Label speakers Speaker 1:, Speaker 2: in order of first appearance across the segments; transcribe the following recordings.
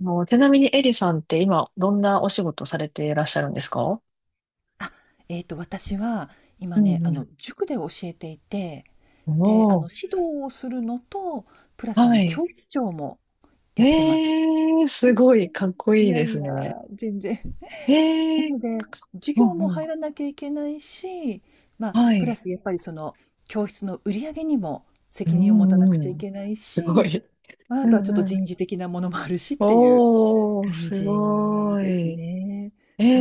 Speaker 1: もうちなみにエリさんって今どんなお仕事されていらっしゃるんですか？
Speaker 2: あ、私は
Speaker 1: う
Speaker 2: 今ね、
Speaker 1: ん
Speaker 2: 塾で教えていて、
Speaker 1: うん。
Speaker 2: で、
Speaker 1: おー、
Speaker 2: 指導をするのと、プラス
Speaker 1: はい。
Speaker 2: 教室長もやってま
Speaker 1: え
Speaker 2: す。
Speaker 1: ー、
Speaker 2: う
Speaker 1: す
Speaker 2: ん、
Speaker 1: ごい、かっこ
Speaker 2: い
Speaker 1: いい
Speaker 2: や
Speaker 1: で
Speaker 2: い
Speaker 1: す
Speaker 2: や、
Speaker 1: ね。
Speaker 2: 全然。
Speaker 1: え
Speaker 2: な
Speaker 1: ー、
Speaker 2: ので、授
Speaker 1: う
Speaker 2: 業も
Speaker 1: んう
Speaker 2: 入
Speaker 1: ん。
Speaker 2: らなきゃいけないし、まあ、
Speaker 1: は
Speaker 2: プラ
Speaker 1: い。
Speaker 2: スやっぱり教室の売り上げにも
Speaker 1: う
Speaker 2: 責任を持たな
Speaker 1: ん
Speaker 2: く
Speaker 1: う
Speaker 2: ちゃい
Speaker 1: ん。
Speaker 2: けない
Speaker 1: すご
Speaker 2: し、
Speaker 1: い。
Speaker 2: まあ、
Speaker 1: う
Speaker 2: あとはちょっと
Speaker 1: んうん。
Speaker 2: 人事的なものもあるしっていう
Speaker 1: おー、
Speaker 2: 感
Speaker 1: す
Speaker 2: じ
Speaker 1: ご
Speaker 2: です
Speaker 1: い。
Speaker 2: ね。
Speaker 1: え
Speaker 2: う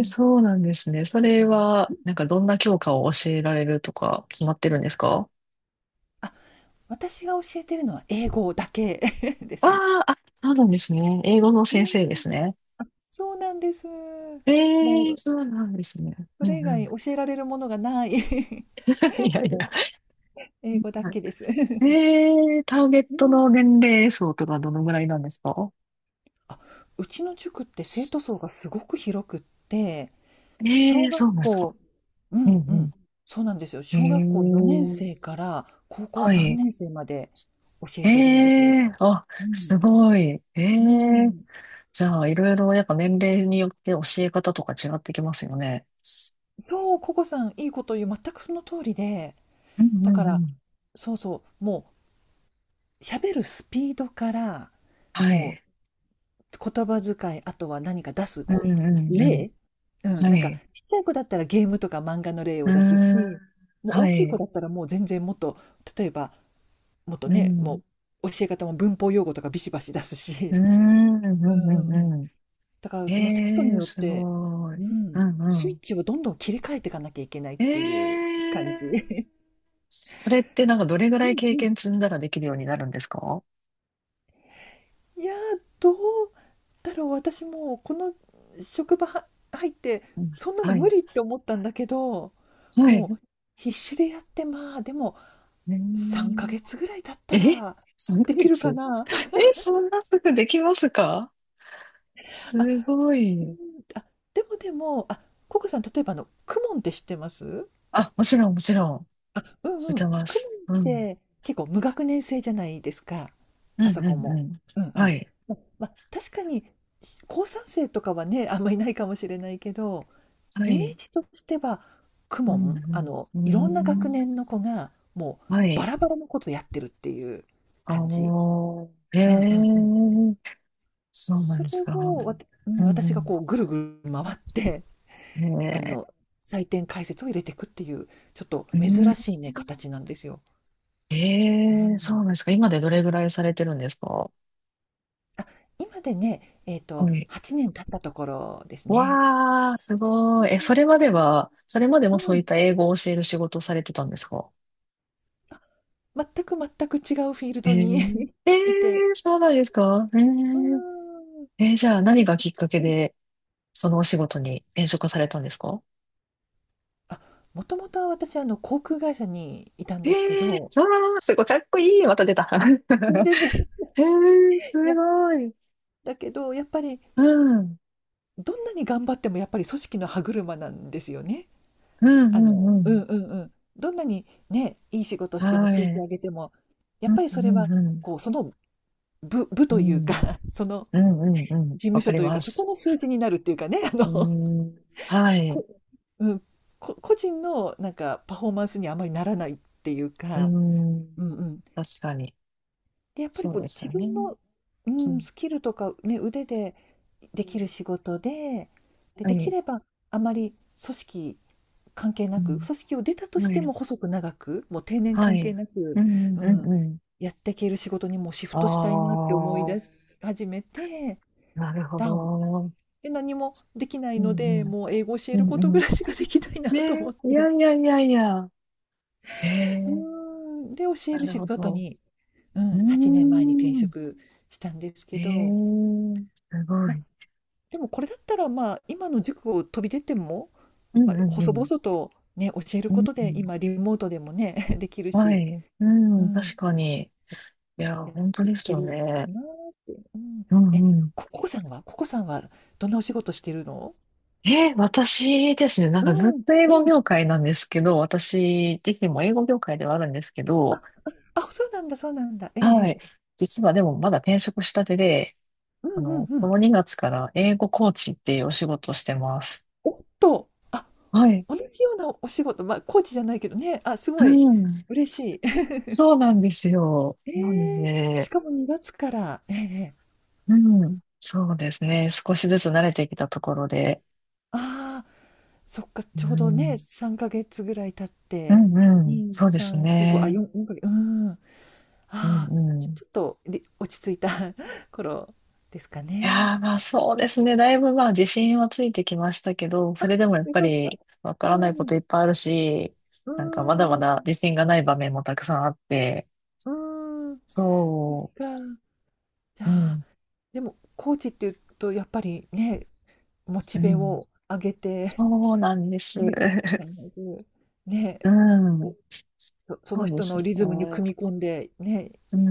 Speaker 1: ー、そうなんですね。そ
Speaker 2: あ
Speaker 1: れ
Speaker 2: の
Speaker 1: は、
Speaker 2: うん。
Speaker 1: なんかどんな教科を教えられるとか決まってるんですか？
Speaker 2: あ、私が教えてるのは英語だけ です
Speaker 1: あー、
Speaker 2: ね。
Speaker 1: あ、そうなんですね。英語の
Speaker 2: う
Speaker 1: 先生で
Speaker 2: ん。
Speaker 1: すね。
Speaker 2: あ。そうなんです。も
Speaker 1: ええ、
Speaker 2: う
Speaker 1: そうなんですね。
Speaker 2: そ
Speaker 1: う
Speaker 2: れ
Speaker 1: ん
Speaker 2: 以
Speaker 1: う
Speaker 2: 外
Speaker 1: ん。
Speaker 2: 教えられるものがない。
Speaker 1: いやいや。
Speaker 2: もう
Speaker 1: う
Speaker 2: 英語だけです。
Speaker 1: ん。
Speaker 2: う
Speaker 1: ええ、ターゲット
Speaker 2: ん。
Speaker 1: の年齢層とかどのぐらいなんですか？
Speaker 2: あ、うちの塾って生徒層がすごく広くって、
Speaker 1: え
Speaker 2: 小
Speaker 1: え、そ
Speaker 2: 学
Speaker 1: うなんですか。
Speaker 2: 校、う
Speaker 1: う
Speaker 2: んうん。
Speaker 1: ん
Speaker 2: そうなんですよ。
Speaker 1: う
Speaker 2: 小学校4年
Speaker 1: ん。ええ、
Speaker 2: 生から高校
Speaker 1: は
Speaker 2: 3
Speaker 1: い。
Speaker 2: 年生まで教え
Speaker 1: え
Speaker 2: てるんですよ。
Speaker 1: え、あ、
Speaker 2: うん。
Speaker 1: すごい。え
Speaker 2: う
Speaker 1: え、
Speaker 2: ん。
Speaker 1: じゃあ、いろいろやっぱ年齢によって教え方とか違ってきますよね。
Speaker 2: そう、ココさんいいこと言う。全くその通りで、
Speaker 1: うん
Speaker 2: だ
Speaker 1: う
Speaker 2: か
Speaker 1: んう
Speaker 2: ら、
Speaker 1: ん。
Speaker 2: そうそう、もう喋るスピードから、
Speaker 1: は
Speaker 2: も
Speaker 1: い。
Speaker 2: う言葉遣い、あとは何か出す、
Speaker 1: うんう
Speaker 2: う、
Speaker 1: んうん。
Speaker 2: 例うん、
Speaker 1: は
Speaker 2: なんか
Speaker 1: い。
Speaker 2: ちっちゃい子だったらゲームとか漫画の例
Speaker 1: う
Speaker 2: を
Speaker 1: ー
Speaker 2: 出す
Speaker 1: ん。
Speaker 2: し、もう
Speaker 1: は
Speaker 2: 大きい子
Speaker 1: い。
Speaker 2: だったらもう全然もっと、例えば、もっと
Speaker 1: う
Speaker 2: ね、も
Speaker 1: ん。
Speaker 2: う教え方も文法用語とかビシバシ出す
Speaker 1: うー
Speaker 2: し。
Speaker 1: ん。うん
Speaker 2: うん
Speaker 1: う
Speaker 2: うんうん。
Speaker 1: んう
Speaker 2: だから
Speaker 1: ん。え
Speaker 2: もう生徒
Speaker 1: え
Speaker 2: に
Speaker 1: ー、
Speaker 2: よっ
Speaker 1: す
Speaker 2: て、
Speaker 1: ご
Speaker 2: う
Speaker 1: い。
Speaker 2: ん、
Speaker 1: うん
Speaker 2: スイッ
Speaker 1: う
Speaker 2: チをどんどん切り替えていかなきゃいけないっ
Speaker 1: ん。
Speaker 2: てい
Speaker 1: え
Speaker 2: う感
Speaker 1: え、
Speaker 2: じ。
Speaker 1: それってなんかどれぐらい
Speaker 2: う
Speaker 1: 経
Speaker 2: んうん。
Speaker 1: 験積んだらできるようになるんですか？
Speaker 2: いやー、どうだろう、私もうこの職場は入って、
Speaker 1: うん。
Speaker 2: そんなの
Speaker 1: はい。
Speaker 2: 無理って思ったんだけど、
Speaker 1: はい。
Speaker 2: もう必死でやって、まあでも3ヶ月
Speaker 1: え
Speaker 2: ぐらい経った
Speaker 1: ー、え、
Speaker 2: ら
Speaker 1: 3
Speaker 2: でき
Speaker 1: ヶ
Speaker 2: るか
Speaker 1: 月
Speaker 2: な。
Speaker 1: え、そんなすぐできますか？
Speaker 2: あ、
Speaker 1: すご
Speaker 2: うん、
Speaker 1: い。
Speaker 2: あ、でも、あ、ココさん、例えば、あのクモンって知ってます？
Speaker 1: あ、もちろん、もちろん。
Speaker 2: あ、う
Speaker 1: 知
Speaker 2: ん
Speaker 1: っ
Speaker 2: うん、
Speaker 1: てま
Speaker 2: クモ
Speaker 1: す。
Speaker 2: ンっ
Speaker 1: うん。
Speaker 2: て結構無学年制じゃないですか？
Speaker 1: う
Speaker 2: あ
Speaker 1: んう
Speaker 2: そこ
Speaker 1: んう
Speaker 2: も、
Speaker 1: ん。
Speaker 2: うんう
Speaker 1: は
Speaker 2: ん、
Speaker 1: い。
Speaker 2: ま、確かに高3生とかはね、あんまいないかもしれないけど、
Speaker 1: は
Speaker 2: イメ
Speaker 1: い。
Speaker 2: ージとしては、公
Speaker 1: うんう
Speaker 2: 文、
Speaker 1: ん。うー
Speaker 2: いろんな学
Speaker 1: ん。
Speaker 2: 年の子が、も
Speaker 1: は
Speaker 2: うバ
Speaker 1: い。
Speaker 2: ラバラのことやってるっていう
Speaker 1: あ
Speaker 2: 感じ。
Speaker 1: ー。え
Speaker 2: うんうんうん。
Speaker 1: え、そうなん
Speaker 2: そ
Speaker 1: です
Speaker 2: れ
Speaker 1: か。
Speaker 2: を、わたうん、
Speaker 1: う
Speaker 2: 私が
Speaker 1: ん
Speaker 2: こうぐるぐる回って、
Speaker 1: うん。
Speaker 2: あ
Speaker 1: え
Speaker 2: の、採点解説を入れていくっていう、ちょっと
Speaker 1: ー、う
Speaker 2: 珍
Speaker 1: ん。
Speaker 2: しいね、形なんですよ。
Speaker 1: え
Speaker 2: う
Speaker 1: ー、そう
Speaker 2: ん。
Speaker 1: なんですか？今でどれぐらいされてるんですか？
Speaker 2: あ、今でね、
Speaker 1: はい。
Speaker 2: 8年経ったところですね。
Speaker 1: わー、すごい。え、それまでも
Speaker 2: う
Speaker 1: そういっ
Speaker 2: ん。
Speaker 1: た英語を教える仕事をされてたんですか？
Speaker 2: あ、全く全く違うフィール
Speaker 1: え
Speaker 2: ドに
Speaker 1: ー、えー、
Speaker 2: いて。
Speaker 1: そうなんですか？えー、えー、じゃあ
Speaker 2: う
Speaker 1: 何
Speaker 2: ん
Speaker 1: がきっかけ
Speaker 2: うん、
Speaker 1: で、そのお仕事に転職されたんですか？
Speaker 2: あ、もともとは私、航空会社にいたん
Speaker 1: え
Speaker 2: ですけど、
Speaker 1: ー、わー、すごい、かっこいい。また出た。
Speaker 2: 全然、
Speaker 1: えー、す
Speaker 2: いや、
Speaker 1: ごい。
Speaker 2: だけど、やっぱり、
Speaker 1: うん、うん、
Speaker 2: どんなに頑張ってもやっぱり組織の歯車なんですよね。
Speaker 1: う
Speaker 2: あ
Speaker 1: ん、
Speaker 2: の、
Speaker 1: う
Speaker 2: うん
Speaker 1: ん。
Speaker 2: うんうん。どんなにね、いい仕事しても
Speaker 1: は
Speaker 2: 数字
Speaker 1: い。
Speaker 2: 上げても、や
Speaker 1: う
Speaker 2: っ
Speaker 1: ん
Speaker 2: ぱり
Speaker 1: う
Speaker 2: それ
Speaker 1: ん
Speaker 2: は、
Speaker 1: うん。
Speaker 2: こう、その部
Speaker 1: う
Speaker 2: というか、
Speaker 1: ん。
Speaker 2: その
Speaker 1: うんうんうん。
Speaker 2: 事務
Speaker 1: わか
Speaker 2: 所
Speaker 1: り
Speaker 2: という
Speaker 1: ま
Speaker 2: か、そこ
Speaker 1: す。
Speaker 2: の数字になるっていうかね、
Speaker 1: うーん。は い。う
Speaker 2: こ、うん、個人のなんかパフォーマンスにあまりならないっていう
Speaker 1: ー
Speaker 2: か、
Speaker 1: ん。
Speaker 2: うんうん。
Speaker 1: 確かに。
Speaker 2: で、やっぱり
Speaker 1: そう
Speaker 2: こ
Speaker 1: で
Speaker 2: う
Speaker 1: す
Speaker 2: 自
Speaker 1: よ
Speaker 2: 分
Speaker 1: ね。
Speaker 2: の、う
Speaker 1: う
Speaker 2: ん、
Speaker 1: ん。
Speaker 2: スキルとか、ね、腕でできる仕事で、で、
Speaker 1: は
Speaker 2: でき
Speaker 1: い。
Speaker 2: ればあまり組織関係な
Speaker 1: う
Speaker 2: く、
Speaker 1: ん。
Speaker 2: 組織を出たとし
Speaker 1: は
Speaker 2: て
Speaker 1: い。
Speaker 2: も細く長く、もう定年
Speaker 1: は
Speaker 2: 関係
Speaker 1: い。
Speaker 2: なく、
Speaker 1: うんう
Speaker 2: う
Speaker 1: んうん
Speaker 2: ん、
Speaker 1: うん。
Speaker 2: やっていける仕事にもうシフトしたいなっ
Speaker 1: あ
Speaker 2: て思い出し始めて、
Speaker 1: あ、なるほ
Speaker 2: だん
Speaker 1: ど。
Speaker 2: で、何もできない
Speaker 1: うん
Speaker 2: の
Speaker 1: う
Speaker 2: で、
Speaker 1: ん。
Speaker 2: もう英語教え
Speaker 1: う
Speaker 2: ること
Speaker 1: んう
Speaker 2: ぐ
Speaker 1: ん。
Speaker 2: らいしかできないな
Speaker 1: ね
Speaker 2: と思っ
Speaker 1: え、い
Speaker 2: て。
Speaker 1: やいやいやいや。え
Speaker 2: う
Speaker 1: え、
Speaker 2: ーん、で、教え
Speaker 1: な
Speaker 2: る
Speaker 1: る
Speaker 2: 仕
Speaker 1: ほ
Speaker 2: 事
Speaker 1: ど。
Speaker 2: に、う
Speaker 1: うー
Speaker 2: ん、8年前に転
Speaker 1: ん。
Speaker 2: 職したんです
Speaker 1: え
Speaker 2: けど、
Speaker 1: え、すご
Speaker 2: ま、
Speaker 1: い。
Speaker 2: でもこれだったら、まあ今の塾を飛び出ても、
Speaker 1: う
Speaker 2: ま
Speaker 1: ん
Speaker 2: あ、
Speaker 1: うんう
Speaker 2: 細
Speaker 1: ん。
Speaker 2: 々とね教える
Speaker 1: う
Speaker 2: こ
Speaker 1: ん
Speaker 2: と
Speaker 1: う
Speaker 2: で
Speaker 1: ん。
Speaker 2: 今リモートでもね できる
Speaker 1: は
Speaker 2: し、
Speaker 1: い。う
Speaker 2: う
Speaker 1: ん、
Speaker 2: ん、
Speaker 1: 確かに。いや、
Speaker 2: やっ
Speaker 1: 本当
Speaker 2: てい
Speaker 1: です
Speaker 2: け
Speaker 1: よ
Speaker 2: るか
Speaker 1: ね。
Speaker 2: なーって、うん、
Speaker 1: う
Speaker 2: え
Speaker 1: んうん。
Speaker 2: ココさんはどんなお仕事してるの？
Speaker 1: え、私ですね、なん
Speaker 2: う
Speaker 1: かずっ
Speaker 2: ん
Speaker 1: と英語
Speaker 2: うん、
Speaker 1: 業界なんですけど、私自身も英語業界ではあるんですけど、
Speaker 2: あ、そうなんだ、そうなんだ、え
Speaker 1: は
Speaker 2: え、
Speaker 1: い。実はでもまだ転職したてで、
Speaker 2: うん
Speaker 1: あ
Speaker 2: うん
Speaker 1: の、
Speaker 2: う
Speaker 1: こ
Speaker 2: ん、
Speaker 1: の2月から英語コーチっていうお仕事をしてます。
Speaker 2: おっと、あ、
Speaker 1: はい。
Speaker 2: 同じようなお仕事、まあコーチじゃないけどね、あ、す
Speaker 1: う
Speaker 2: ごい
Speaker 1: ん。
Speaker 2: 嬉しい。
Speaker 1: そうなんですよ。なんで
Speaker 2: ええ、し
Speaker 1: ね、
Speaker 2: かも2月から？ええ、
Speaker 1: うん。そうですね。少しずつ慣れてきたところで。
Speaker 2: ああ、そっか、
Speaker 1: う
Speaker 2: ちょうどね、
Speaker 1: ん。
Speaker 2: 3ヶ月ぐらい経っ
Speaker 1: う
Speaker 2: て、
Speaker 1: んうん。
Speaker 2: 2、
Speaker 1: そうです
Speaker 2: 3、4、5、あ、
Speaker 1: ね。
Speaker 2: 4、4ヶ月、うん。あ
Speaker 1: うん
Speaker 2: あ、
Speaker 1: う
Speaker 2: ちょ
Speaker 1: ん。
Speaker 2: ちょっと、で落ち着いた 頃ですか
Speaker 1: い
Speaker 2: ね。
Speaker 1: やー、まあそうですね。だいぶまあ自信はついてきましたけど、そ
Speaker 2: あ、
Speaker 1: れでもやっ
Speaker 2: よ
Speaker 1: ぱ
Speaker 2: かった。
Speaker 1: りわ
Speaker 2: う
Speaker 1: からない
Speaker 2: ん、
Speaker 1: こと
Speaker 2: う
Speaker 1: いっぱいあるし、
Speaker 2: ん、
Speaker 1: なんかまだまだ自信がない場面もたくさんあって、
Speaker 2: うん、か。
Speaker 1: そ
Speaker 2: じゃ
Speaker 1: う、う
Speaker 2: あ、
Speaker 1: ん、
Speaker 2: でも、コーチっていうと、やっぱりね、モチ
Speaker 1: う
Speaker 2: ベ
Speaker 1: ん、
Speaker 2: を上げて、
Speaker 1: そうなんで す。
Speaker 2: ね、必ず、ね、
Speaker 1: うん、
Speaker 2: こうそ
Speaker 1: そ
Speaker 2: の
Speaker 1: うで
Speaker 2: 人
Speaker 1: す
Speaker 2: の
Speaker 1: ね。
Speaker 2: リズムに
Speaker 1: う
Speaker 2: 組み込んで、ね、
Speaker 1: ん、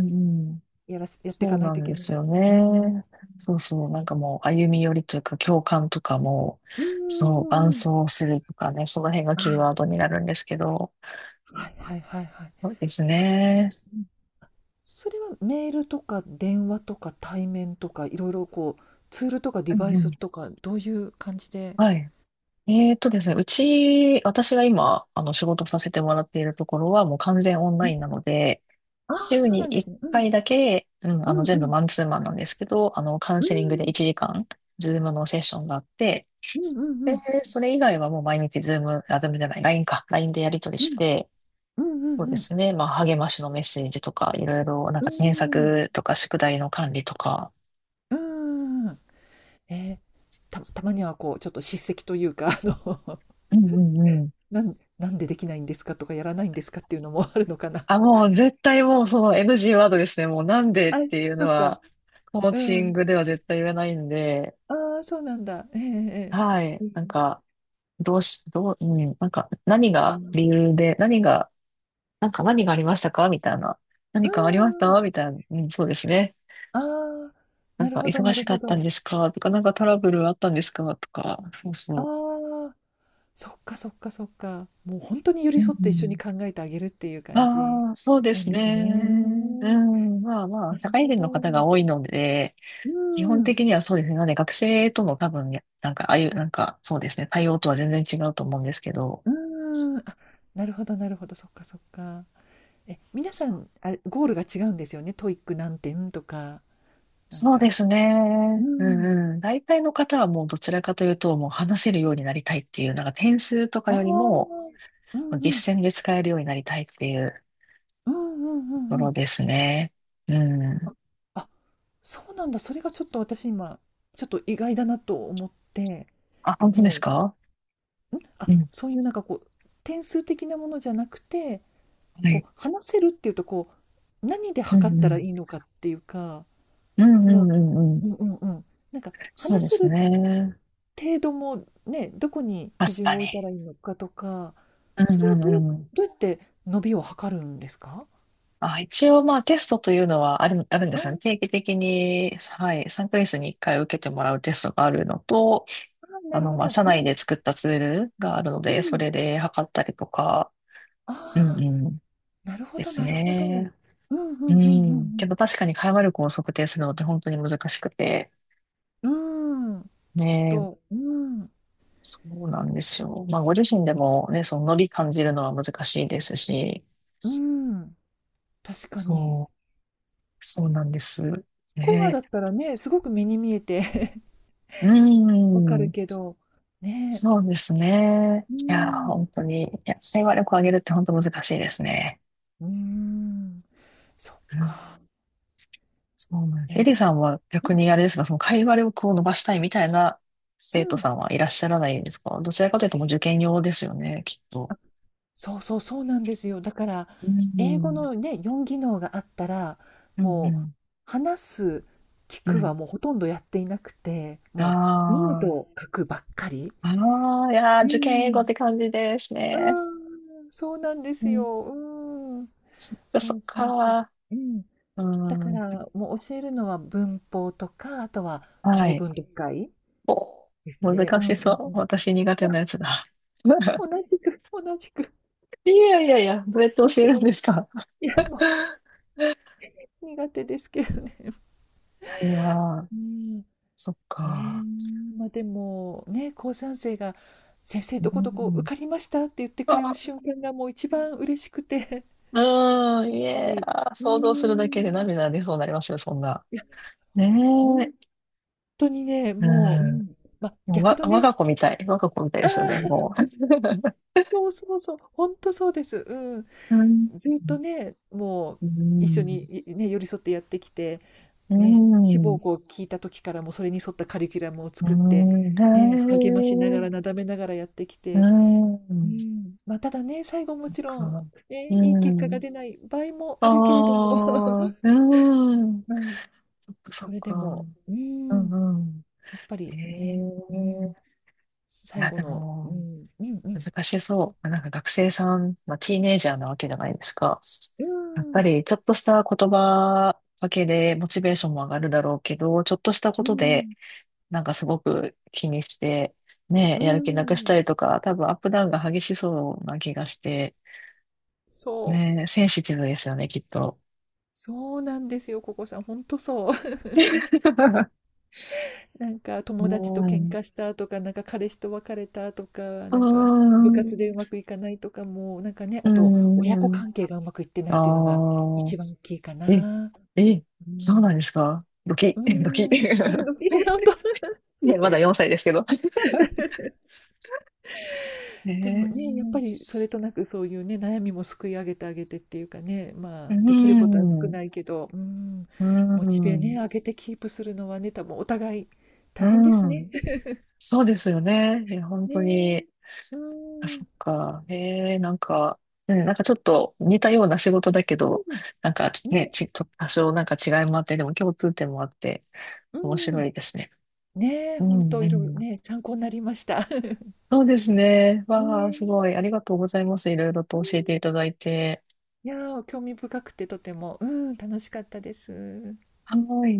Speaker 1: うん、
Speaker 2: やらす、やってい
Speaker 1: そ
Speaker 2: か
Speaker 1: う
Speaker 2: ない
Speaker 1: な
Speaker 2: とい
Speaker 1: ん
Speaker 2: け
Speaker 1: で
Speaker 2: な
Speaker 1: す
Speaker 2: い。
Speaker 1: よ
Speaker 2: うん
Speaker 1: ね。そうそう、なんかもう歩み寄りというか共感とかも、
Speaker 2: うんう
Speaker 1: そう、
Speaker 2: ん
Speaker 1: 伴
Speaker 2: うんうん。
Speaker 1: 走するとかね、その辺がキーワー
Speaker 2: あ、
Speaker 1: ドになるんですけど、
Speaker 2: はいはいはいはい。
Speaker 1: そうです
Speaker 2: あ、
Speaker 1: ね。
Speaker 2: うん。それはメールとか電話とか対面とか、いろいろツールとかデ
Speaker 1: うん
Speaker 2: バイ
Speaker 1: うん。
Speaker 2: スとか、どういう感じで？
Speaker 1: はい。ですね、うち、私が今、仕事させてもらっているところは、もう完全オン
Speaker 2: え、
Speaker 1: ラインなので、
Speaker 2: ああ、
Speaker 1: 週
Speaker 2: そうな
Speaker 1: に
Speaker 2: んで
Speaker 1: 1
Speaker 2: すね。うん。
Speaker 1: 回だけ、うん、
Speaker 2: うん
Speaker 1: 全
Speaker 2: う
Speaker 1: 部
Speaker 2: ん。
Speaker 1: マンツーマンなんですけど、カウン
Speaker 2: うー
Speaker 1: セリングで
Speaker 2: ん。
Speaker 1: 1時間、ズームのセッションがあって、
Speaker 2: うんうんう
Speaker 1: で、
Speaker 2: ん。
Speaker 1: それ以外はもう毎日ズーム、あ、ズームじゃない、LINE か、ラインでやり取り
Speaker 2: う
Speaker 1: し
Speaker 2: ん。
Speaker 1: て、
Speaker 2: うんう
Speaker 1: そう
Speaker 2: んう
Speaker 1: で
Speaker 2: ん。
Speaker 1: すね、まあ、励ましのメッセージとか、いろいろ、なんか、検
Speaker 2: う
Speaker 1: 索とか、宿題の管理とか、
Speaker 2: ん。うん。えーたまにはちょっと叱責というか、
Speaker 1: うんうん、
Speaker 2: なんでできないんですかとか、やらないんですかっていうのもあるのかな。
Speaker 1: あ、もう絶対もうその NG ワードですね。もうなんで
Speaker 2: あ、
Speaker 1: っていう
Speaker 2: そ
Speaker 1: の
Speaker 2: っか。
Speaker 1: は、コー
Speaker 2: う
Speaker 1: チン
Speaker 2: ん。
Speaker 1: グでは絶対言えないんで、
Speaker 2: ああ、そうなんだ。えええ
Speaker 1: はい。
Speaker 2: え。う
Speaker 1: なん
Speaker 2: ん。
Speaker 1: か、どうし、どう、うん、なんか、何
Speaker 2: あ、
Speaker 1: が
Speaker 2: う
Speaker 1: 理由で、何が、なんか何がありましたかみたいな。
Speaker 2: ー
Speaker 1: 何かありました
Speaker 2: ん。
Speaker 1: みたいな。うん、そうですね。
Speaker 2: ああ、
Speaker 1: なん
Speaker 2: なる
Speaker 1: か、
Speaker 2: ほど
Speaker 1: 忙
Speaker 2: なる
Speaker 1: しか
Speaker 2: ほ
Speaker 1: ったん
Speaker 2: ど。
Speaker 1: ですかとか、なんかトラブルあったんですかとか、そう
Speaker 2: あ
Speaker 1: そ
Speaker 2: あ、そっかそっかそっか。もうほんとに寄
Speaker 1: う。
Speaker 2: り
Speaker 1: う
Speaker 2: 添って一緒に
Speaker 1: ん、
Speaker 2: 考えてあげるっていう感じ
Speaker 1: ああ、そうで
Speaker 2: なん
Speaker 1: す
Speaker 2: で
Speaker 1: ね。
Speaker 2: すね。
Speaker 1: うん、まあま
Speaker 2: な
Speaker 1: あ、
Speaker 2: る
Speaker 1: 社会
Speaker 2: ほ
Speaker 1: 人の方が
Speaker 2: ど。
Speaker 1: 多いので、
Speaker 2: う
Speaker 1: 基
Speaker 2: ー
Speaker 1: 本
Speaker 2: ん、う
Speaker 1: 的にはそうですね。なので学生との多分、なんか、ああいう、なんか、そうですね。対応とは全然違うと思うんですけど、
Speaker 2: ーん。あ、なるほどなるほど、そっかそっか。皆さ
Speaker 1: そ
Speaker 2: ん、あれ、ゴールが違うんですよね。トイック何点とか、なん
Speaker 1: そうで
Speaker 2: か。
Speaker 1: す
Speaker 2: うー
Speaker 1: ね。う
Speaker 2: ん。
Speaker 1: んうん。大体の方はもうどちらかというと、もう話せるようになりたいっていう、なんか点数とか
Speaker 2: あ
Speaker 1: よりも、
Speaker 2: あ。うんうん。
Speaker 1: 実践で使えるようになりたいっていう
Speaker 2: うんうんう
Speaker 1: とこ
Speaker 2: んう
Speaker 1: ろ
Speaker 2: ん。
Speaker 1: ですね。うん。
Speaker 2: ああ、そうなんだ。それがちょっと私今、ちょっと意外だなと思って、
Speaker 1: あ、本当で
Speaker 2: も
Speaker 1: す
Speaker 2: う、
Speaker 1: か？
Speaker 2: あ、
Speaker 1: うん。
Speaker 2: そういうなんか点数的なものじゃなくて、
Speaker 1: はい。
Speaker 2: 話せるっていうと、こう、何で
Speaker 1: う
Speaker 2: 測っ
Speaker 1: んう
Speaker 2: たらい
Speaker 1: ん。
Speaker 2: いのかっていうか、
Speaker 1: うん
Speaker 2: そ
Speaker 1: うん
Speaker 2: の、
Speaker 1: うんうん。
Speaker 2: うんうんうん。なんか、
Speaker 1: そうで
Speaker 2: 話せ
Speaker 1: す
Speaker 2: る
Speaker 1: ね。
Speaker 2: 程度もね、どこに
Speaker 1: 確
Speaker 2: 基準
Speaker 1: か
Speaker 2: を置い
Speaker 1: に。
Speaker 2: たらいいのかとか、
Speaker 1: う
Speaker 2: そ
Speaker 1: ん
Speaker 2: れ
Speaker 1: う
Speaker 2: は
Speaker 1: んうん。
Speaker 2: どうやって伸びを測るんですか？
Speaker 1: あ、一応まあテストというのはあるんで
Speaker 2: あ
Speaker 1: すよね。
Speaker 2: あ
Speaker 1: 定期的に、はい、3ヶ月に1回受けてもらうテストがあるのと、
Speaker 2: ー、なるほ
Speaker 1: まあ、
Speaker 2: ど。
Speaker 1: 社
Speaker 2: う
Speaker 1: 内
Speaker 2: ん、
Speaker 1: で作ったツールがあるの
Speaker 2: う
Speaker 1: で、そ
Speaker 2: ん。
Speaker 1: れで測ったりとか、うん
Speaker 2: あ、
Speaker 1: うん、
Speaker 2: なるほ
Speaker 1: で
Speaker 2: ど
Speaker 1: す
Speaker 2: なるほど。うん
Speaker 1: ね。
Speaker 2: うんう
Speaker 1: うん。
Speaker 2: ん
Speaker 1: けど確かに会話力を測定するのって本当に難しくて、
Speaker 2: うんうん。うーん、きっ
Speaker 1: ね、
Speaker 2: と、うーん、
Speaker 1: そうなんですよ。まあ、ご自身でもね、そのノリ感じるのは難しいですし、
Speaker 2: うーん、確かに。
Speaker 1: そう、そうなんです。
Speaker 2: スコアだ
Speaker 1: ね。
Speaker 2: ったらね、すごく目に見えて
Speaker 1: う
Speaker 2: わかる
Speaker 1: ん。
Speaker 2: けど、ね、
Speaker 1: そうですね。
Speaker 2: うー
Speaker 1: いや、
Speaker 2: ん、
Speaker 1: 本当に、いや、社員話力を上げるって本当難しいですね。
Speaker 2: うーん、そっ
Speaker 1: うん、
Speaker 2: か。
Speaker 1: そうなんです。エ
Speaker 2: え、
Speaker 1: リさんは
Speaker 2: う
Speaker 1: 逆
Speaker 2: ん、
Speaker 1: にあれですが、その会話力を伸ばしたいみたいな
Speaker 2: う
Speaker 1: 生徒
Speaker 2: ん。
Speaker 1: さんはいらっしゃらないんですか？どちらかというともう受験用ですよね、きっと。
Speaker 2: あ、そうそう、そうなんですよ。だから、
Speaker 1: う
Speaker 2: 英語
Speaker 1: ん、
Speaker 2: のね、4技能があったら、
Speaker 1: うん、う
Speaker 2: もう、
Speaker 1: ん、
Speaker 2: 話す、聞
Speaker 1: う
Speaker 2: くは
Speaker 1: ん。
Speaker 2: もうほとんどやっていなくて、もう、読む
Speaker 1: あ
Speaker 2: と書くばっかり。
Speaker 1: あ、ああ、いやー、
Speaker 2: う
Speaker 1: 受験英語っ
Speaker 2: ん、
Speaker 1: て感じです
Speaker 2: う
Speaker 1: ね。
Speaker 2: ーん、そうなんで
Speaker 1: う
Speaker 2: す
Speaker 1: ん、
Speaker 2: よ。うーん。
Speaker 1: そっか、
Speaker 2: そ
Speaker 1: そっ
Speaker 2: うそうそう。
Speaker 1: か。
Speaker 2: うん。
Speaker 1: う
Speaker 2: だか
Speaker 1: ん、
Speaker 2: ら、もう教えるのは文法とか、あとは
Speaker 1: は
Speaker 2: 長
Speaker 1: い。
Speaker 2: 文読解
Speaker 1: お、
Speaker 2: ですね。う
Speaker 1: 難
Speaker 2: んう
Speaker 1: し
Speaker 2: んう
Speaker 1: そう。
Speaker 2: ん。
Speaker 1: 私苦 手
Speaker 2: あ、
Speaker 1: なやつだ。
Speaker 2: 同 じく、同じく。
Speaker 1: いやいやいや、どうやって教え
Speaker 2: 私
Speaker 1: るん
Speaker 2: も、
Speaker 1: ですか？
Speaker 2: いや、
Speaker 1: い
Speaker 2: もう苦手ですけど。
Speaker 1: やいや、
Speaker 2: うん。
Speaker 1: そっ
Speaker 2: ねえ、
Speaker 1: か。
Speaker 2: まあでも、ね、高3生が、先生
Speaker 1: う
Speaker 2: どこどこ受
Speaker 1: ん。
Speaker 2: かりましたって言ってくれ
Speaker 1: あ、
Speaker 2: る瞬間がもう一番嬉しくて。
Speaker 1: うん、
Speaker 2: やっ
Speaker 1: い
Speaker 2: ぱ
Speaker 1: や、
Speaker 2: り、うー
Speaker 1: 想像するだけで
Speaker 2: ん。
Speaker 1: 涙出そうになりますよ、そんな。
Speaker 2: いや、
Speaker 1: ね
Speaker 2: ほん
Speaker 1: え。
Speaker 2: 当にね、
Speaker 1: う
Speaker 2: もう、うん、まあ、
Speaker 1: ん。もう
Speaker 2: 逆
Speaker 1: わ、
Speaker 2: の
Speaker 1: 我
Speaker 2: ね、
Speaker 1: が子みたい。我が子みたい
Speaker 2: あ
Speaker 1: ですよね、
Speaker 2: あ、
Speaker 1: もう。
Speaker 2: そうそうそう、本当そうです。うん。
Speaker 1: うん。
Speaker 2: ずっとね、もう
Speaker 1: う
Speaker 2: 一緒に、
Speaker 1: ん。
Speaker 2: 寄り添ってやってきて、
Speaker 1: う
Speaker 2: ね、志
Speaker 1: ん。
Speaker 2: 望校を聞いた時からもうそれに沿ったカリキュラムを
Speaker 1: う
Speaker 2: 作って、
Speaker 1: ん。
Speaker 2: ね、励ましなが
Speaker 1: ね
Speaker 2: ら、な
Speaker 1: え。
Speaker 2: だめながらやってき
Speaker 1: う
Speaker 2: て、う
Speaker 1: ん。そ
Speaker 2: ん、まあ、ただね、最後も
Speaker 1: っ
Speaker 2: ちろ
Speaker 1: か。
Speaker 2: ん、ね、
Speaker 1: う
Speaker 2: いい結果が
Speaker 1: ん。
Speaker 2: 出ない場合も
Speaker 1: あ
Speaker 2: あるけれども、
Speaker 1: あ、うん。
Speaker 2: うん、
Speaker 1: そっか、そ
Speaker 2: そ
Speaker 1: っ
Speaker 2: れ
Speaker 1: か。
Speaker 2: でも、う
Speaker 1: う
Speaker 2: ん、
Speaker 1: んうん。
Speaker 2: やっぱ
Speaker 1: え
Speaker 2: りね、うん、
Speaker 1: え、い
Speaker 2: 最
Speaker 1: や、
Speaker 2: 後
Speaker 1: で
Speaker 2: の、う
Speaker 1: も、
Speaker 2: ん、うんうん、
Speaker 1: 難しそう。なんか学生さん、まあ、ティーネイジャーなわけじゃないですか。
Speaker 2: う
Speaker 1: やっぱ
Speaker 2: ん、
Speaker 1: り、ちょっとした言葉だけでモチベーションも上がるだろうけど、ちょっとしたこ
Speaker 2: う
Speaker 1: とで、
Speaker 2: ん、
Speaker 1: なんかすごく気にして、ね
Speaker 2: う
Speaker 1: え、やる気なくした
Speaker 2: ん。
Speaker 1: りとか、多分アップダウンが激しそうな気がして、
Speaker 2: そ
Speaker 1: ね
Speaker 2: う。
Speaker 1: え、センシティブですよね、きっと。
Speaker 2: そうなんですよ、ここさん。ほんとそう。なんか友達と
Speaker 1: う
Speaker 2: 喧
Speaker 1: ん。
Speaker 2: 嘩したとか、なんか彼氏と別れたとか、
Speaker 1: うー
Speaker 2: なんか部活でう
Speaker 1: ん。
Speaker 2: まくいかないとかも、なんかね、
Speaker 1: う
Speaker 2: あ
Speaker 1: ー
Speaker 2: と親子
Speaker 1: ん。
Speaker 2: 関係がうまくいってないっていうのが
Speaker 1: ああ。
Speaker 2: 一番大きいか
Speaker 1: え、
Speaker 2: な。
Speaker 1: え、
Speaker 2: う
Speaker 1: そう
Speaker 2: ん。
Speaker 1: なんですか？ドキ、
Speaker 2: う
Speaker 1: ドキ。
Speaker 2: ん。あの、い
Speaker 1: ね、
Speaker 2: や、
Speaker 1: まだ
Speaker 2: ね。
Speaker 1: 4歳ですけど。え
Speaker 2: でもね、やっ
Speaker 1: ー、
Speaker 2: ぱりそれとなくそういうね、悩みもすくい上げてあげてっていうかね、ま
Speaker 1: う
Speaker 2: あ、できることは少
Speaker 1: ん、
Speaker 2: ないけど、うん、
Speaker 1: う
Speaker 2: モチベね、
Speaker 1: ん、
Speaker 2: 上げてキープするのはね、多分お互い
Speaker 1: う
Speaker 2: 大変ですね。
Speaker 1: ん。そうですよね。いや、本
Speaker 2: ね
Speaker 1: 当
Speaker 2: え。
Speaker 1: に。
Speaker 2: う
Speaker 1: あ、そ
Speaker 2: ん。
Speaker 1: っか。ええ、なんか、ね、なんかちょっと似たような仕事だけ
Speaker 2: う
Speaker 1: ど、なんか
Speaker 2: ん。
Speaker 1: ね、
Speaker 2: ね。
Speaker 1: ちょっと多少なんか違いもあって、でも共通点もあって、面
Speaker 2: う
Speaker 1: 白
Speaker 2: ん。
Speaker 1: いですね。
Speaker 2: ねえ、
Speaker 1: う
Speaker 2: ほん
Speaker 1: ん、
Speaker 2: と
Speaker 1: う
Speaker 2: いろいろ
Speaker 1: ん。
Speaker 2: ね、参考になりました。
Speaker 1: そうですね。
Speaker 2: ね
Speaker 1: わあ、す
Speaker 2: え。
Speaker 1: ごい。ありがとうございます。いろいろ
Speaker 2: う
Speaker 1: と教えていた
Speaker 2: ん。
Speaker 1: だいて。
Speaker 2: いやー、興味深くてとても、うん、楽しかったです。
Speaker 1: はい。